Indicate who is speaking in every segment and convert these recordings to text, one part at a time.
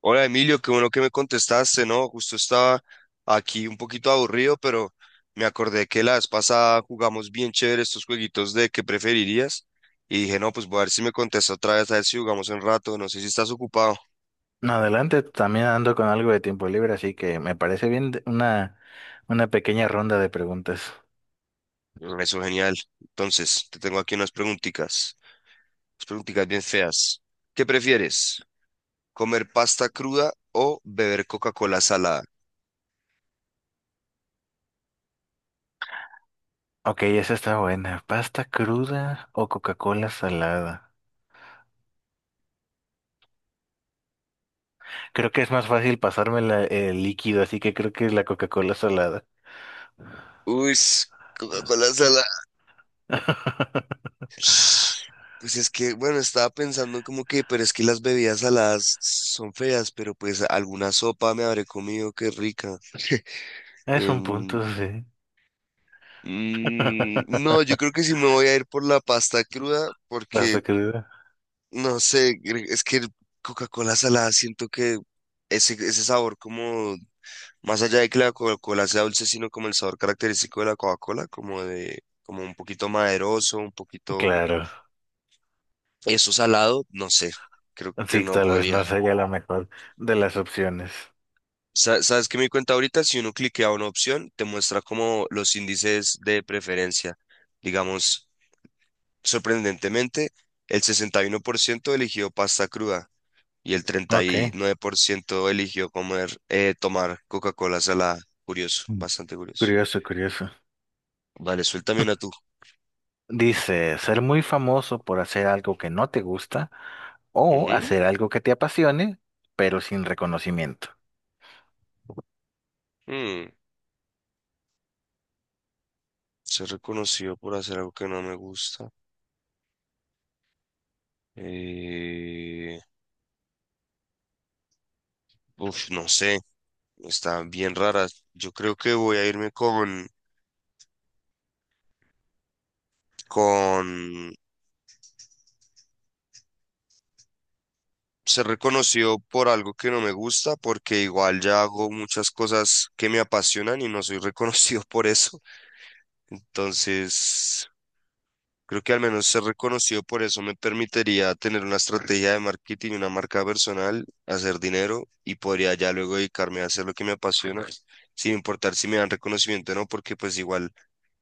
Speaker 1: Hola Emilio, qué bueno que me contestaste, ¿no? Justo estaba aquí un poquito aburrido, pero me acordé que la vez pasada jugamos bien chévere estos jueguitos de qué preferirías y dije, no, pues voy a ver si me contesta otra vez, a ver si jugamos un rato, no sé si estás ocupado.
Speaker 2: No, adelante, también ando con algo de tiempo libre, así que me parece bien una pequeña ronda de preguntas.
Speaker 1: Eso genial. Entonces, te tengo aquí unas preguntitas bien feas. ¿Qué prefieres? ¿Comer pasta cruda o beber Coca-Cola salada?
Speaker 2: Ok, esa está buena. ¿Pasta cruda o Coca-Cola salada? Creo que es más fácil pasarme el líquido, así que creo que es la Coca-Cola salada.
Speaker 1: Uy, Coca-Cola salada. Pues es que, bueno, estaba pensando como que, pero es que las bebidas saladas son feas, pero pues alguna sopa me habré comido, qué rica.
Speaker 2: Es un
Speaker 1: Em,
Speaker 2: punto, sí.
Speaker 1: no, yo creo que sí me voy a ir por la pasta cruda, porque,
Speaker 2: ¿Pasta cruda?
Speaker 1: no sé, es que el Coca-Cola salada siento que ese sabor como, más allá de que la Coca-Cola sea dulce, sino como el sabor característico de la Coca-Cola, como de, como un poquito maderoso, un poquito
Speaker 2: Claro.
Speaker 1: eso salado, no sé, creo que
Speaker 2: Sí,
Speaker 1: no
Speaker 2: tal vez
Speaker 1: podría.
Speaker 2: no sería la mejor de las opciones.
Speaker 1: ¿Sabes qué me di cuenta ahorita? Si uno cliquea una opción, te muestra como los índices de preferencia. Digamos, sorprendentemente, el 61% eligió pasta cruda y el
Speaker 2: Ok.
Speaker 1: 39% eligió tomar Coca-Cola salada. Curioso,
Speaker 2: Mm.
Speaker 1: bastante curioso.
Speaker 2: Curioso, curioso.
Speaker 1: Vale, suéltame una tú.
Speaker 2: Dice, ser muy famoso por hacer algo que no te gusta o
Speaker 1: Ujú.
Speaker 2: hacer algo que te apasione, pero sin reconocimiento.
Speaker 1: Mm, Ser reconocido por hacer algo que no me gusta. Eh, uf, no sé, está bien rara. Yo creo que voy a irme con se reconoció por algo que no me gusta, porque igual ya hago muchas cosas que me apasionan y no soy reconocido por eso. Entonces, creo que al menos ser reconocido por eso me permitiría tener una estrategia de marketing, una marca personal, hacer dinero y podría ya luego dedicarme a hacer lo que me apasiona. Sin importar si me dan reconocimiento o no, porque pues igual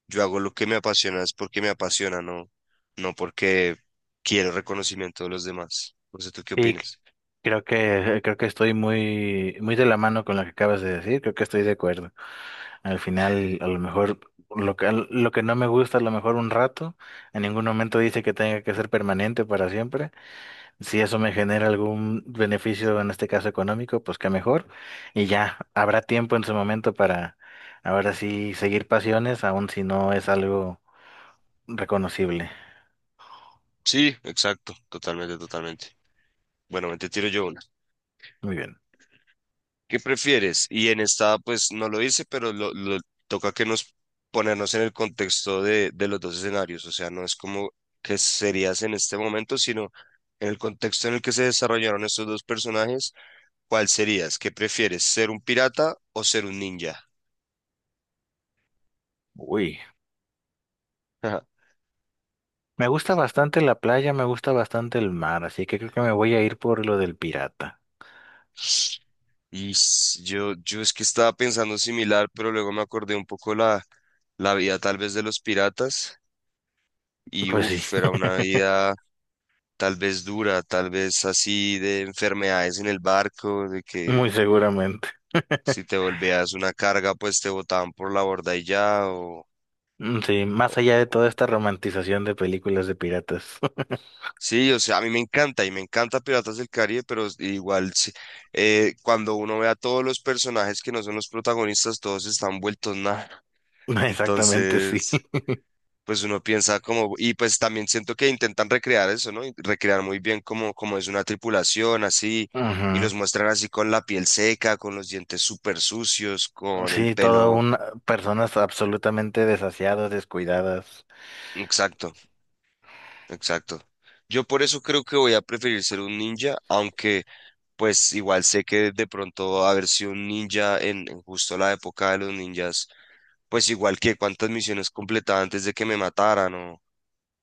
Speaker 1: yo hago lo que me apasiona, es porque me apasiona, no, no porque quiero reconocimiento de los demás. No sé, ¿tú qué
Speaker 2: Y c-
Speaker 1: opinas?
Speaker 2: Creo que, creo que estoy muy, muy de la mano con lo que acabas de decir, creo que estoy de acuerdo. Al final, a lo mejor lo que no me gusta, a lo mejor un rato, en ningún momento dice que tenga que ser permanente para siempre. Si eso me genera algún beneficio, en este caso económico, pues qué mejor. Y ya habrá tiempo en su momento para ahora sí seguir pasiones, aun si no es algo reconocible.
Speaker 1: Sí, exacto, totalmente, totalmente. Bueno, te tiro yo una.
Speaker 2: Muy bien.
Speaker 1: ¿Qué prefieres? Y en esta, pues no lo hice, pero toca que nos ponernos en el contexto de los dos escenarios. O sea, no es como que serías en este momento, sino en el contexto en el que se desarrollaron estos dos personajes, ¿cuál serías? ¿Qué prefieres? ¿Ser un pirata o ser un ninja?
Speaker 2: Uy.
Speaker 1: Ajá.
Speaker 2: Me gusta bastante la playa, me gusta bastante el mar, así que creo que me voy a ir por lo del pirata.
Speaker 1: Y yo es que estaba pensando similar, pero luego me acordé un poco la vida tal vez de los piratas. Y
Speaker 2: Pues sí,
Speaker 1: uff, era una vida tal vez dura, tal vez así de enfermedades en el barco, de que
Speaker 2: muy seguramente.
Speaker 1: si te volvías una carga, pues te botaban por la borda y ya,
Speaker 2: Mm, sí, más
Speaker 1: o-
Speaker 2: allá de toda esta romantización de películas de piratas.
Speaker 1: Sí, o sea, a mí me encanta y me encanta Piratas del Caribe, pero igual sí, cuando uno ve a todos los personajes que no son los protagonistas, todos están vueltos nada.
Speaker 2: Exactamente, sí.
Speaker 1: Entonces, pues uno piensa como, y pues también siento que intentan recrear eso, ¿no? Y recrear muy bien como es una tripulación, así, y los
Speaker 2: Ujú.
Speaker 1: muestran así con la piel seca, con los dientes súper sucios, con el
Speaker 2: Sí, todo
Speaker 1: pelo.
Speaker 2: una, personas absolutamente desasiadas, descuidadas.
Speaker 1: Exacto, exacto. Yo por eso creo que voy a preferir ser un ninja, aunque pues igual sé que de pronto haber sido un ninja en justo la época de los ninjas, pues igual que cuántas misiones completaba antes de que me mataran.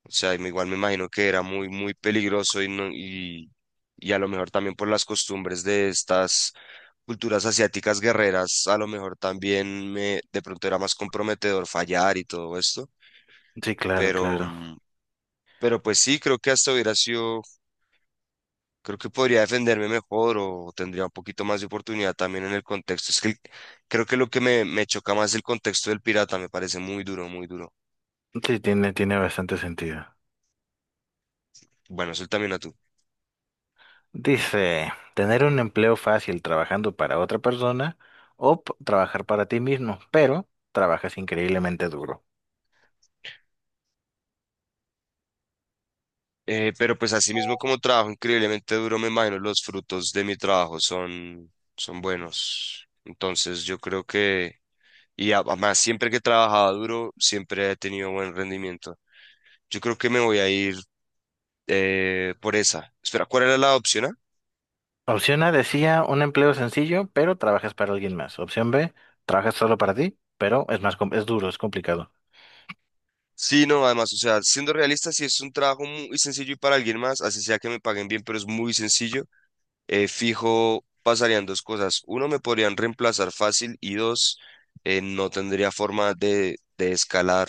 Speaker 1: O sea, y igual me imagino que era muy, muy peligroso y, no, y a lo mejor también por las costumbres de estas culturas asiáticas guerreras, a lo mejor también me, de pronto era más comprometedor fallar y todo esto.
Speaker 2: Sí, claro,
Speaker 1: Pero,
Speaker 2: claro.
Speaker 1: mm, pero pues sí, creo que hasta hubiera sido, creo que podría defenderme mejor o tendría un poquito más de oportunidad también en el contexto. Es que creo que lo que me choca más es el contexto del pirata, me parece muy duro, muy duro.
Speaker 2: Sí, tiene, tiene bastante sentido.
Speaker 1: Bueno, suéltame una tú.
Speaker 2: Dice, tener un empleo fácil trabajando para otra persona o trabajar para ti mismo, pero trabajas increíblemente duro.
Speaker 1: Pero pues así mismo como trabajo increíblemente duro, me imagino los frutos de mi trabajo son buenos. Entonces yo creo que, y además siempre que he trabajado duro, siempre he tenido buen rendimiento. Yo creo que me voy a ir por esa. Espera, ¿cuál era la opción A?
Speaker 2: Opción A decía un empleo sencillo, pero trabajas para alguien más. Opción B, trabajas solo para ti, pero es más, es duro, es complicado.
Speaker 1: Sí, no, además, o sea, siendo realista, si es un trabajo muy sencillo y para alguien más, así sea que me paguen bien, pero es muy sencillo. Fijo pasarían dos cosas. Uno, me podrían reemplazar fácil y dos, no tendría forma de escalar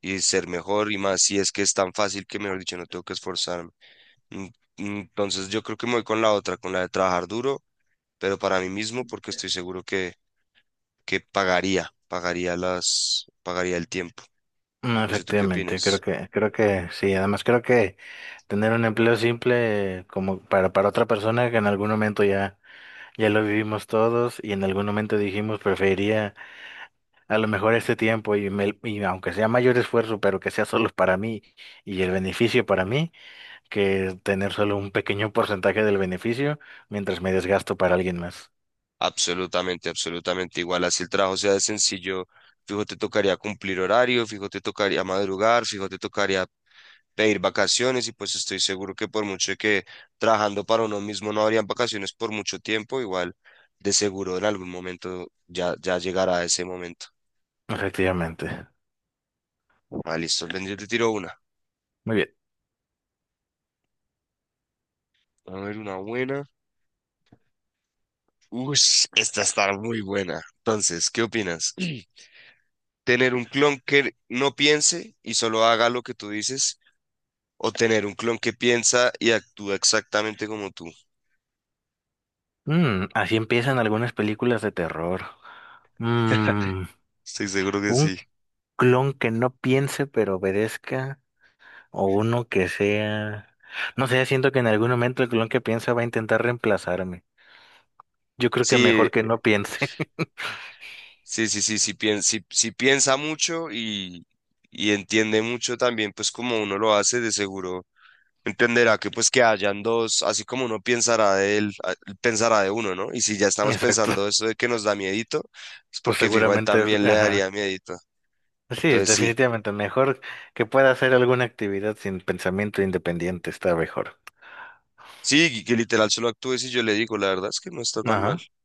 Speaker 1: y ser mejor y más si es que es tan fácil que, mejor dicho, no tengo que esforzarme. Mm, Entonces yo creo que me voy con la otra, con la de trabajar duro, pero para mí mismo porque estoy seguro que pagaría el tiempo.
Speaker 2: No,
Speaker 1: No sé tú qué
Speaker 2: efectivamente,
Speaker 1: opinas.
Speaker 2: creo que sí. Además, creo que tener un empleo simple como para otra persona que en algún momento ya, ya lo vivimos todos y en algún momento dijimos preferiría a lo mejor este tiempo y, y aunque sea mayor esfuerzo, pero que sea solo para mí y el beneficio para mí, que tener solo un pequeño porcentaje del beneficio mientras me desgasto para alguien más.
Speaker 1: Absolutamente, absolutamente igual. Así el trabajo sea de sencillo, fijo te tocaría cumplir horario, fijo te tocaría madrugar, fijo te tocaría pedir vacaciones y pues estoy seguro que por mucho que trabajando para uno mismo no habrían vacaciones por mucho tiempo, igual de seguro en algún momento ya, ya llegará ese momento.
Speaker 2: Efectivamente.
Speaker 1: Ah, listo, ven, yo te tiro una.
Speaker 2: Muy bien.
Speaker 1: A ver, una buena. Uy, esta está muy buena. Entonces, ¿qué opinas? ¿Tener un clon que no piense y solo haga lo que tú dices? ¿O tener un clon que piensa y actúa exactamente como tú?
Speaker 2: Mm, así empiezan algunas películas de terror. Mm,
Speaker 1: Estoy seguro que
Speaker 2: un
Speaker 1: sí.
Speaker 2: clon que no piense pero obedezca, o uno que sea, no sé, siento que en algún momento el clon que piensa va a intentar reemplazarme. Yo creo que
Speaker 1: Sí,
Speaker 2: mejor que no piense.
Speaker 1: sí, sí, sí, sí, sí piensa mucho y entiende mucho también, pues como uno lo hace, de seguro entenderá que pues que hayan dos, así como uno pensará de él, él pensará de uno, ¿no? Y si ya estamos
Speaker 2: Exacto.
Speaker 1: pensando eso de que nos da miedito, es
Speaker 2: Pues
Speaker 1: porque fijo, a él
Speaker 2: seguramente,
Speaker 1: también le
Speaker 2: ajá.
Speaker 1: daría miedito.
Speaker 2: Sí, es
Speaker 1: Entonces sí,
Speaker 2: definitivamente mejor que pueda hacer alguna actividad sin pensamiento independiente, está mejor.
Speaker 1: sí, que literal solo actúe si yo le digo, la verdad es que no está tan mal.
Speaker 2: Ajá,
Speaker 1: O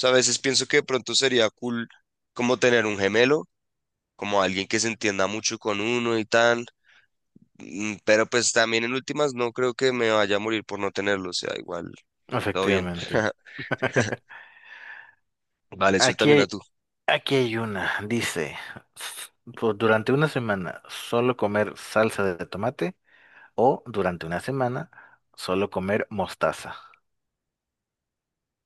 Speaker 1: sea, a veces pienso que de pronto sería cool como tener un gemelo, como alguien que se entienda mucho con uno y tal. Pero pues también en últimas no creo que me vaya a morir por no tenerlo, o sea, igual, todo bien.
Speaker 2: efectivamente.
Speaker 1: Vale,
Speaker 2: Aquí
Speaker 1: también a
Speaker 2: hay,
Speaker 1: tú.
Speaker 2: aquí hay una, dice, durante una semana solo comer salsa de tomate, o durante una semana, solo comer mostaza.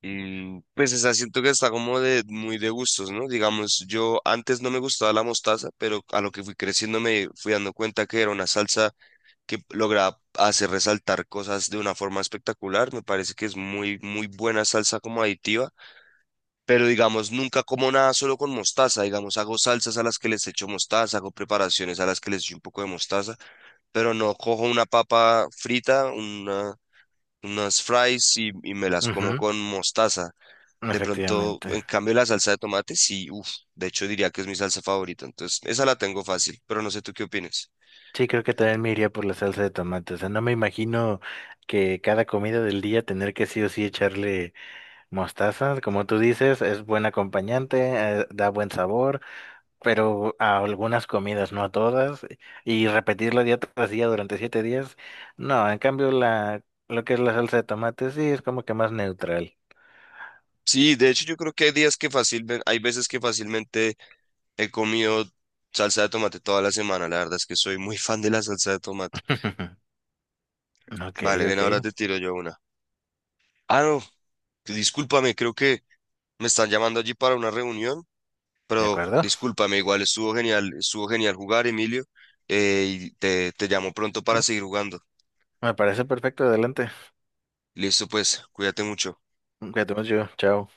Speaker 1: Pues esa siento que está como de muy de gustos, ¿no? Digamos, yo antes no me gustaba la mostaza, pero a lo que fui creciendo me fui dando cuenta que era una salsa que lograba hacer resaltar cosas de una forma espectacular. Me parece que es muy, muy buena salsa como aditiva, pero digamos, nunca como nada solo con mostaza. Digamos, hago salsas a las que les echo mostaza, hago preparaciones a las que les echo un poco de mostaza pero no cojo una papa frita, unas fries y me las como
Speaker 2: Ujú,
Speaker 1: con mostaza. De pronto, en
Speaker 2: efectivamente.
Speaker 1: cambio, la salsa de tomate, sí, uff, de hecho diría que es mi salsa favorita, entonces esa la tengo fácil, pero no sé tú qué opinas.
Speaker 2: Sí, creo que también me iría por la salsa de tomate. O sea, no me imagino que cada comida del día tener que sí o sí echarle mostaza. Como tú dices, es buen acompañante, da buen sabor, pero a algunas comidas, no a todas. Y repetirlo día tras día durante 7 días. No, en cambio, la, lo que es la salsa de tomate sí es como que más neutral.
Speaker 1: Sí, de hecho yo creo que hay días que fácilmente, hay veces que fácilmente he comido salsa de tomate toda la semana, la verdad es que soy muy fan de la salsa de tomate.
Speaker 2: Ok,
Speaker 1: Vale, ven,
Speaker 2: ok,
Speaker 1: ahora te tiro yo una. Ah, no, discúlpame, creo que me están llamando allí para una reunión.
Speaker 2: ¿de
Speaker 1: Pero
Speaker 2: acuerdo?
Speaker 1: discúlpame, igual estuvo genial jugar, Emilio, y te llamo pronto para seguir jugando.
Speaker 2: Me parece perfecto, adelante.
Speaker 1: Listo, pues, cuídate mucho.
Speaker 2: Cuídate mucho, chao.